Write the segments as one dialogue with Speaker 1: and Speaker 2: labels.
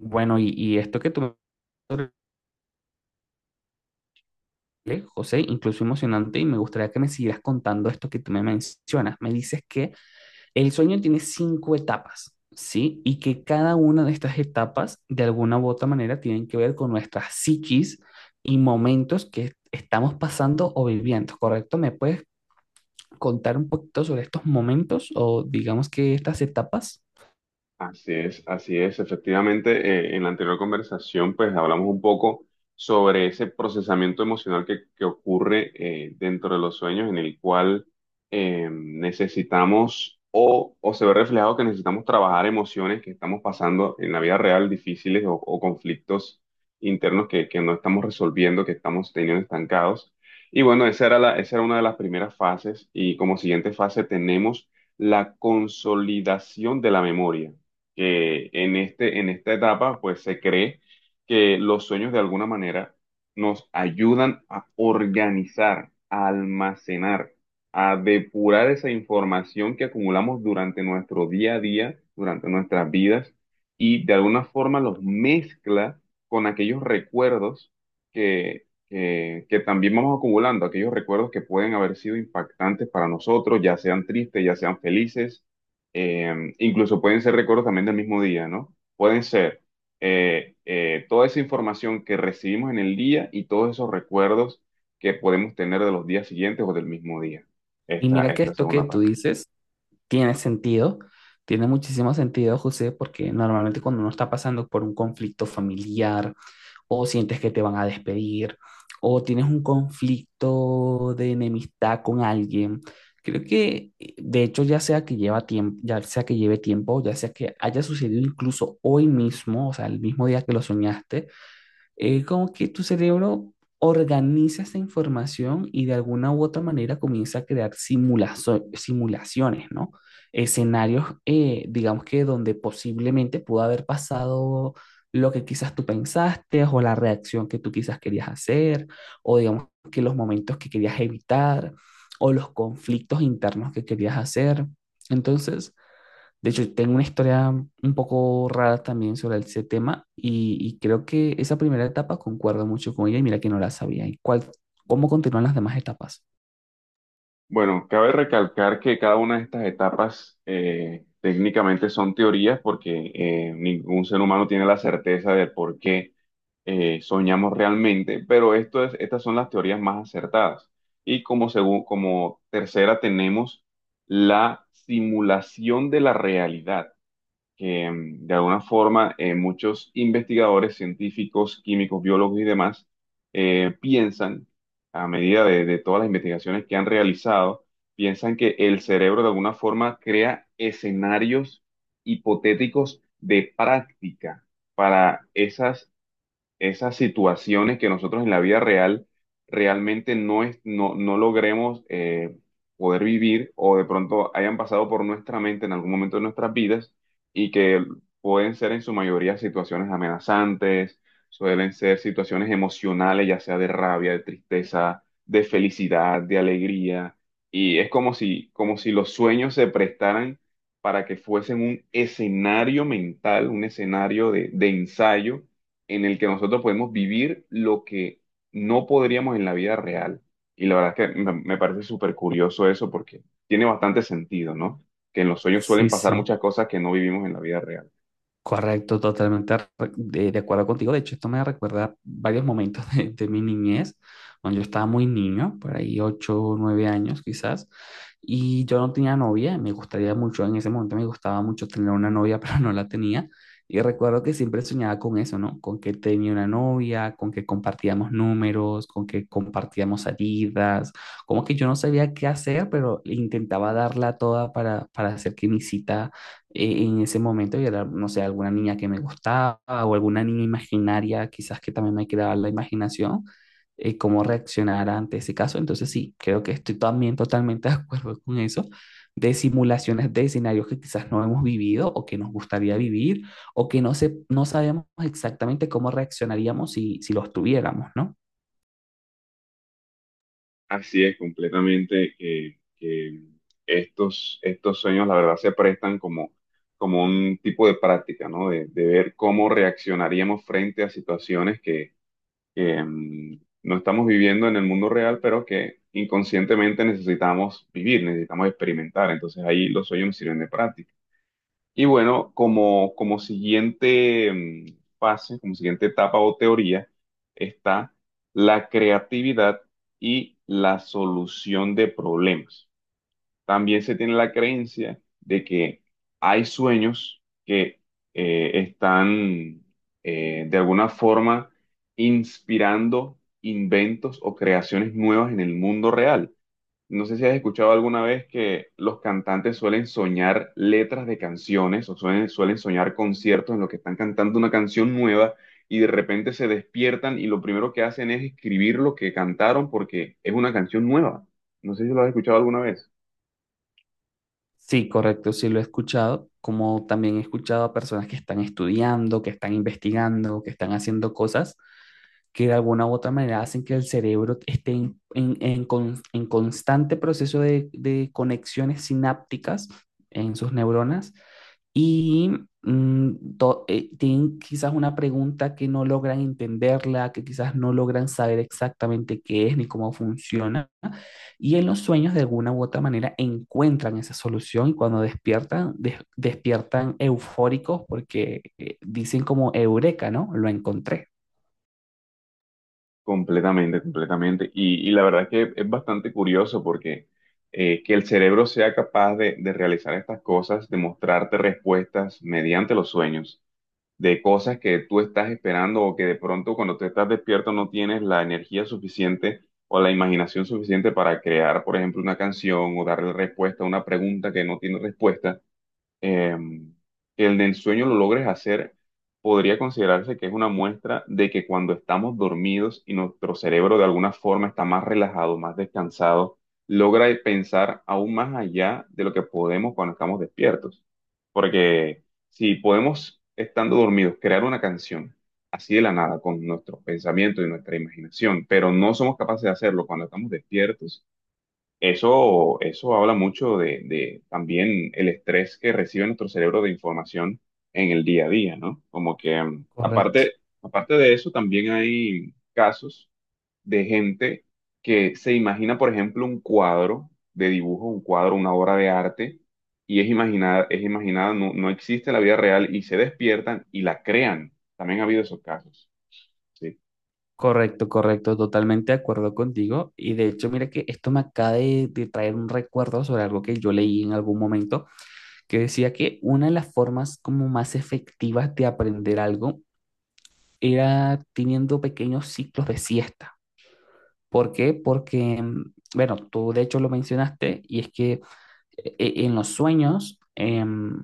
Speaker 1: Bueno, y esto que tú me hablaste, José, incluso emocionante, y me gustaría que me siguieras contando esto que tú me mencionas. Me dices que el sueño tiene cinco etapas, ¿sí? Y que cada una de estas etapas, de alguna u otra manera, tienen que ver con nuestras psiquis y momentos que estamos pasando o viviendo, ¿correcto? ¿Me puedes contar un poquito sobre estos momentos o digamos que estas etapas?
Speaker 2: Así es, así es. Efectivamente, en la anterior conversación, pues hablamos un poco sobre ese procesamiento emocional que ocurre dentro de los sueños, en el cual necesitamos o se ve reflejado que necesitamos trabajar emociones que estamos pasando en la vida real, difíciles o conflictos internos que no estamos resolviendo, que estamos teniendo estancados. Y bueno, esa era esa era una de las primeras fases y como siguiente fase tenemos la consolidación de la memoria, que en en esta etapa, pues se cree que los sueños de alguna manera nos ayudan a organizar, a almacenar, a depurar esa información que acumulamos durante nuestro día a día, durante nuestras vidas, y de alguna forma los mezcla con aquellos recuerdos que... que- que también vamos acumulando, aquellos recuerdos que pueden haber sido impactantes para nosotros, ya sean tristes, ya sean felices, incluso pueden ser recuerdos también del mismo día, ¿no? Pueden ser toda esa información que recibimos en el día y todos esos recuerdos que podemos tener de los días siguientes o del mismo día,
Speaker 1: Y mira que
Speaker 2: esta
Speaker 1: esto que
Speaker 2: segunda
Speaker 1: tú
Speaker 2: parte.
Speaker 1: dices tiene sentido, tiene muchísimo sentido, José, porque normalmente cuando uno está pasando por un conflicto familiar o sientes que te van a despedir o tienes un conflicto de enemistad con alguien, creo que de hecho ya sea que lleva tiempo, ya sea que lleve tiempo, ya sea que haya sucedido incluso hoy mismo, o sea, el mismo día que lo soñaste, como que tu cerebro organiza esa información y de alguna u otra manera comienza a crear simulaciones, ¿no? Escenarios, digamos que donde posiblemente pudo haber pasado lo que quizás tú pensaste o la reacción que tú quizás querías hacer, o digamos que los momentos que querías evitar, o los conflictos internos que querías hacer. Entonces, de hecho, tengo una historia un poco rara también sobre ese tema y creo que esa primera etapa concuerdo mucho con ella y mira que no la sabía. ¿Y cuál, cómo continúan las demás etapas?
Speaker 2: Bueno, cabe recalcar que cada una de estas etapas técnicamente son teorías porque ningún ser humano tiene la certeza del por qué soñamos realmente, pero esto es, estas son las teorías más acertadas. Y como, como tercera tenemos la simulación de la realidad, que de alguna forma, muchos investigadores, científicos, químicos, biólogos y demás piensan, a medida de todas las investigaciones que han realizado, piensan que el cerebro de alguna forma crea escenarios hipotéticos de práctica para esas situaciones que nosotros en la vida real realmente no, es, no, no logremos poder vivir, o de pronto hayan pasado por nuestra mente en algún momento de nuestras vidas, y que pueden ser en su mayoría situaciones amenazantes, suelen ser situaciones emocionales, ya sea de rabia, de tristeza, de felicidad, de alegría. Y es como si los sueños se prestaran para que fuesen un escenario mental, un escenario de ensayo en el que nosotros podemos vivir lo que no podríamos en la vida real. Y la verdad es que me parece súper curioso eso porque tiene bastante sentido, ¿no? Que en los sueños suelen
Speaker 1: Sí,
Speaker 2: pasar
Speaker 1: sí.
Speaker 2: muchas cosas que no vivimos en la vida real.
Speaker 1: Correcto, totalmente de acuerdo contigo. De hecho, esto me recuerda varios momentos de mi niñez, cuando yo estaba muy niño, por ahí 8, o 9 años quizás, y yo no tenía novia. Me gustaría mucho, en ese momento me gustaba mucho tener una novia, pero no la tenía. Y recuerdo que siempre soñaba con eso, ¿no? Con que tenía una novia, con que compartíamos números, con que compartíamos salidas, como que yo no sabía qué hacer, pero intentaba darla toda para hacer que mi cita en ese momento y era, no sé, alguna niña que me gustaba o alguna niña imaginaria, quizás que también me quedaba la imaginación, cómo reaccionar ante ese caso. Entonces sí, creo que estoy también totalmente de acuerdo con eso, de simulaciones de escenarios que quizás no hemos vivido o que nos gustaría vivir o que no sabemos exactamente cómo reaccionaríamos si los tuviéramos, ¿no?
Speaker 2: Así es, completamente, que estos sueños, la verdad, se prestan como, como un tipo de práctica, ¿no? De ver cómo reaccionaríamos frente a situaciones que no estamos viviendo en el mundo real, pero que inconscientemente necesitamos vivir, necesitamos experimentar. Entonces ahí los sueños me sirven de práctica. Y bueno, como, como siguiente fase, como siguiente etapa o teoría, está la creatividad y la solución de problemas. También se tiene la creencia de que hay sueños que están de alguna forma inspirando inventos o creaciones nuevas en el mundo real. No sé si has escuchado alguna vez que los cantantes suelen soñar letras de canciones, o suelen soñar conciertos en los que están cantando una canción nueva, y de repente se despiertan y lo primero que hacen es escribir lo que cantaron porque es una canción nueva. No sé si lo has escuchado alguna vez.
Speaker 1: Sí, correcto, sí lo he escuchado, como también he escuchado a personas que están estudiando, que están investigando, que están haciendo cosas que de alguna u otra manera hacen que el cerebro esté en constante proceso de conexiones sinápticas en sus neuronas y tienen quizás una pregunta que no logran entenderla, que quizás no logran saber exactamente qué es ni cómo funciona. Y en los sueños, de alguna u otra manera, encuentran esa solución y cuando despiertan, despiertan eufóricos porque dicen como eureka, ¿no? Lo encontré.
Speaker 2: Completamente, completamente. Y la verdad es que es bastante curioso porque que el cerebro sea capaz de realizar estas cosas, de mostrarte respuestas mediante los sueños, de cosas que tú estás esperando, o que de pronto cuando te estás despierto no tienes la energía suficiente o la imaginación suficiente para crear, por ejemplo, una canción, o darle respuesta a una pregunta que no tiene respuesta, eh, que el del sueño lo logres hacer. Podría considerarse que es una muestra de que cuando estamos dormidos y nuestro cerebro de alguna forma está más relajado, más descansado, logra pensar aún más allá de lo que podemos cuando estamos despiertos. Porque si podemos, estando dormidos, crear una canción así de la nada con nuestros pensamientos y nuestra imaginación, pero no somos capaces de hacerlo cuando estamos despiertos, eso habla mucho de también el estrés que recibe nuestro cerebro de información en el día a día, ¿no? Como que
Speaker 1: Correcto.
Speaker 2: aparte, aparte de eso, también hay casos de gente que se imagina, por ejemplo, un cuadro de dibujo, un cuadro, una obra de arte, y es imaginada, no existe en la vida real, y se despiertan y la crean. También ha habido esos casos, ¿sí?
Speaker 1: Correcto, correcto, totalmente de acuerdo contigo. Y de hecho, mira que esto me acaba de traer un recuerdo sobre algo que yo leí en algún momento, que decía que una de las formas como más efectivas de aprender algo era teniendo pequeños ciclos de siesta. ¿Por qué? Porque, bueno, tú de hecho lo mencionaste y es que en los sueños,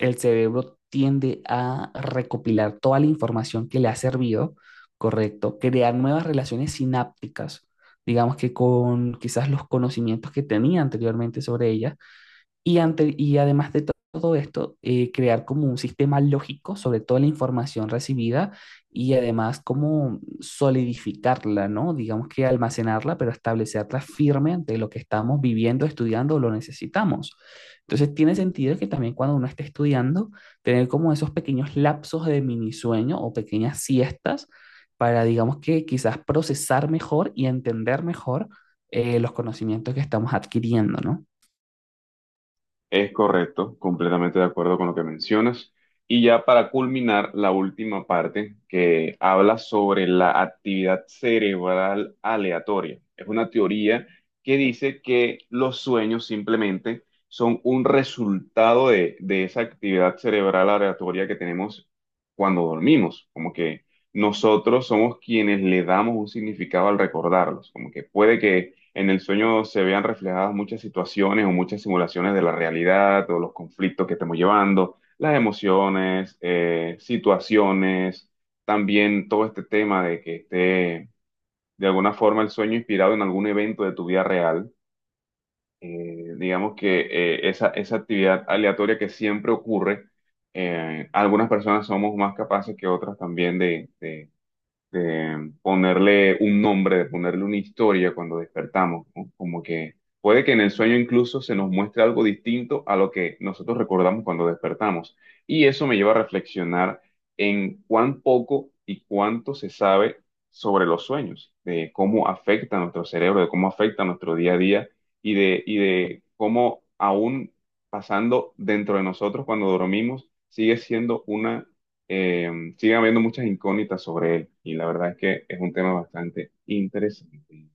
Speaker 1: el cerebro tiende a recopilar toda la información que le ha servido, correcto, crear nuevas relaciones sinápticas, digamos que con quizás los conocimientos que tenía anteriormente sobre ella, y además de to- todo esto, crear como un sistema lógico sobre toda la información recibida y además como solidificarla, ¿no? Digamos que almacenarla, pero establecerla firme ante lo que estamos viviendo, estudiando o lo necesitamos. Entonces tiene sentido que también cuando uno esté estudiando, tener como esos pequeños lapsos de mini sueño o pequeñas siestas para, digamos que quizás procesar mejor y entender mejor los conocimientos que estamos adquiriendo, ¿no?
Speaker 2: Es correcto, completamente de acuerdo con lo que mencionas. Y ya para culminar, la última parte, que habla sobre la actividad cerebral aleatoria. Es una teoría que dice que los sueños simplemente son un resultado de esa actividad cerebral aleatoria que tenemos cuando dormimos. Como que nosotros somos quienes le damos un significado al recordarlos. Como que puede que en el sueño se vean reflejadas muchas situaciones o muchas simulaciones de la realidad, o los conflictos que estemos llevando, las emociones, situaciones, también todo este tema de que esté de alguna forma el sueño inspirado en algún evento de tu vida real. Digamos que esa, esa actividad aleatoria que siempre ocurre, algunas personas somos más capaces que otras también de ponerle un nombre, de ponerle una historia cuando despertamos, ¿no? Como que puede que en el sueño incluso se nos muestre algo distinto a lo que nosotros recordamos cuando despertamos. Y eso me lleva a reflexionar en cuán poco y cuánto se sabe sobre los sueños, de cómo afecta a nuestro cerebro, de cómo afecta a nuestro día a día, y de cómo aún pasando dentro de nosotros cuando dormimos, sigue siendo una eh, siguen habiendo muchas incógnitas sobre él, y la verdad es que es un tema bastante interesante.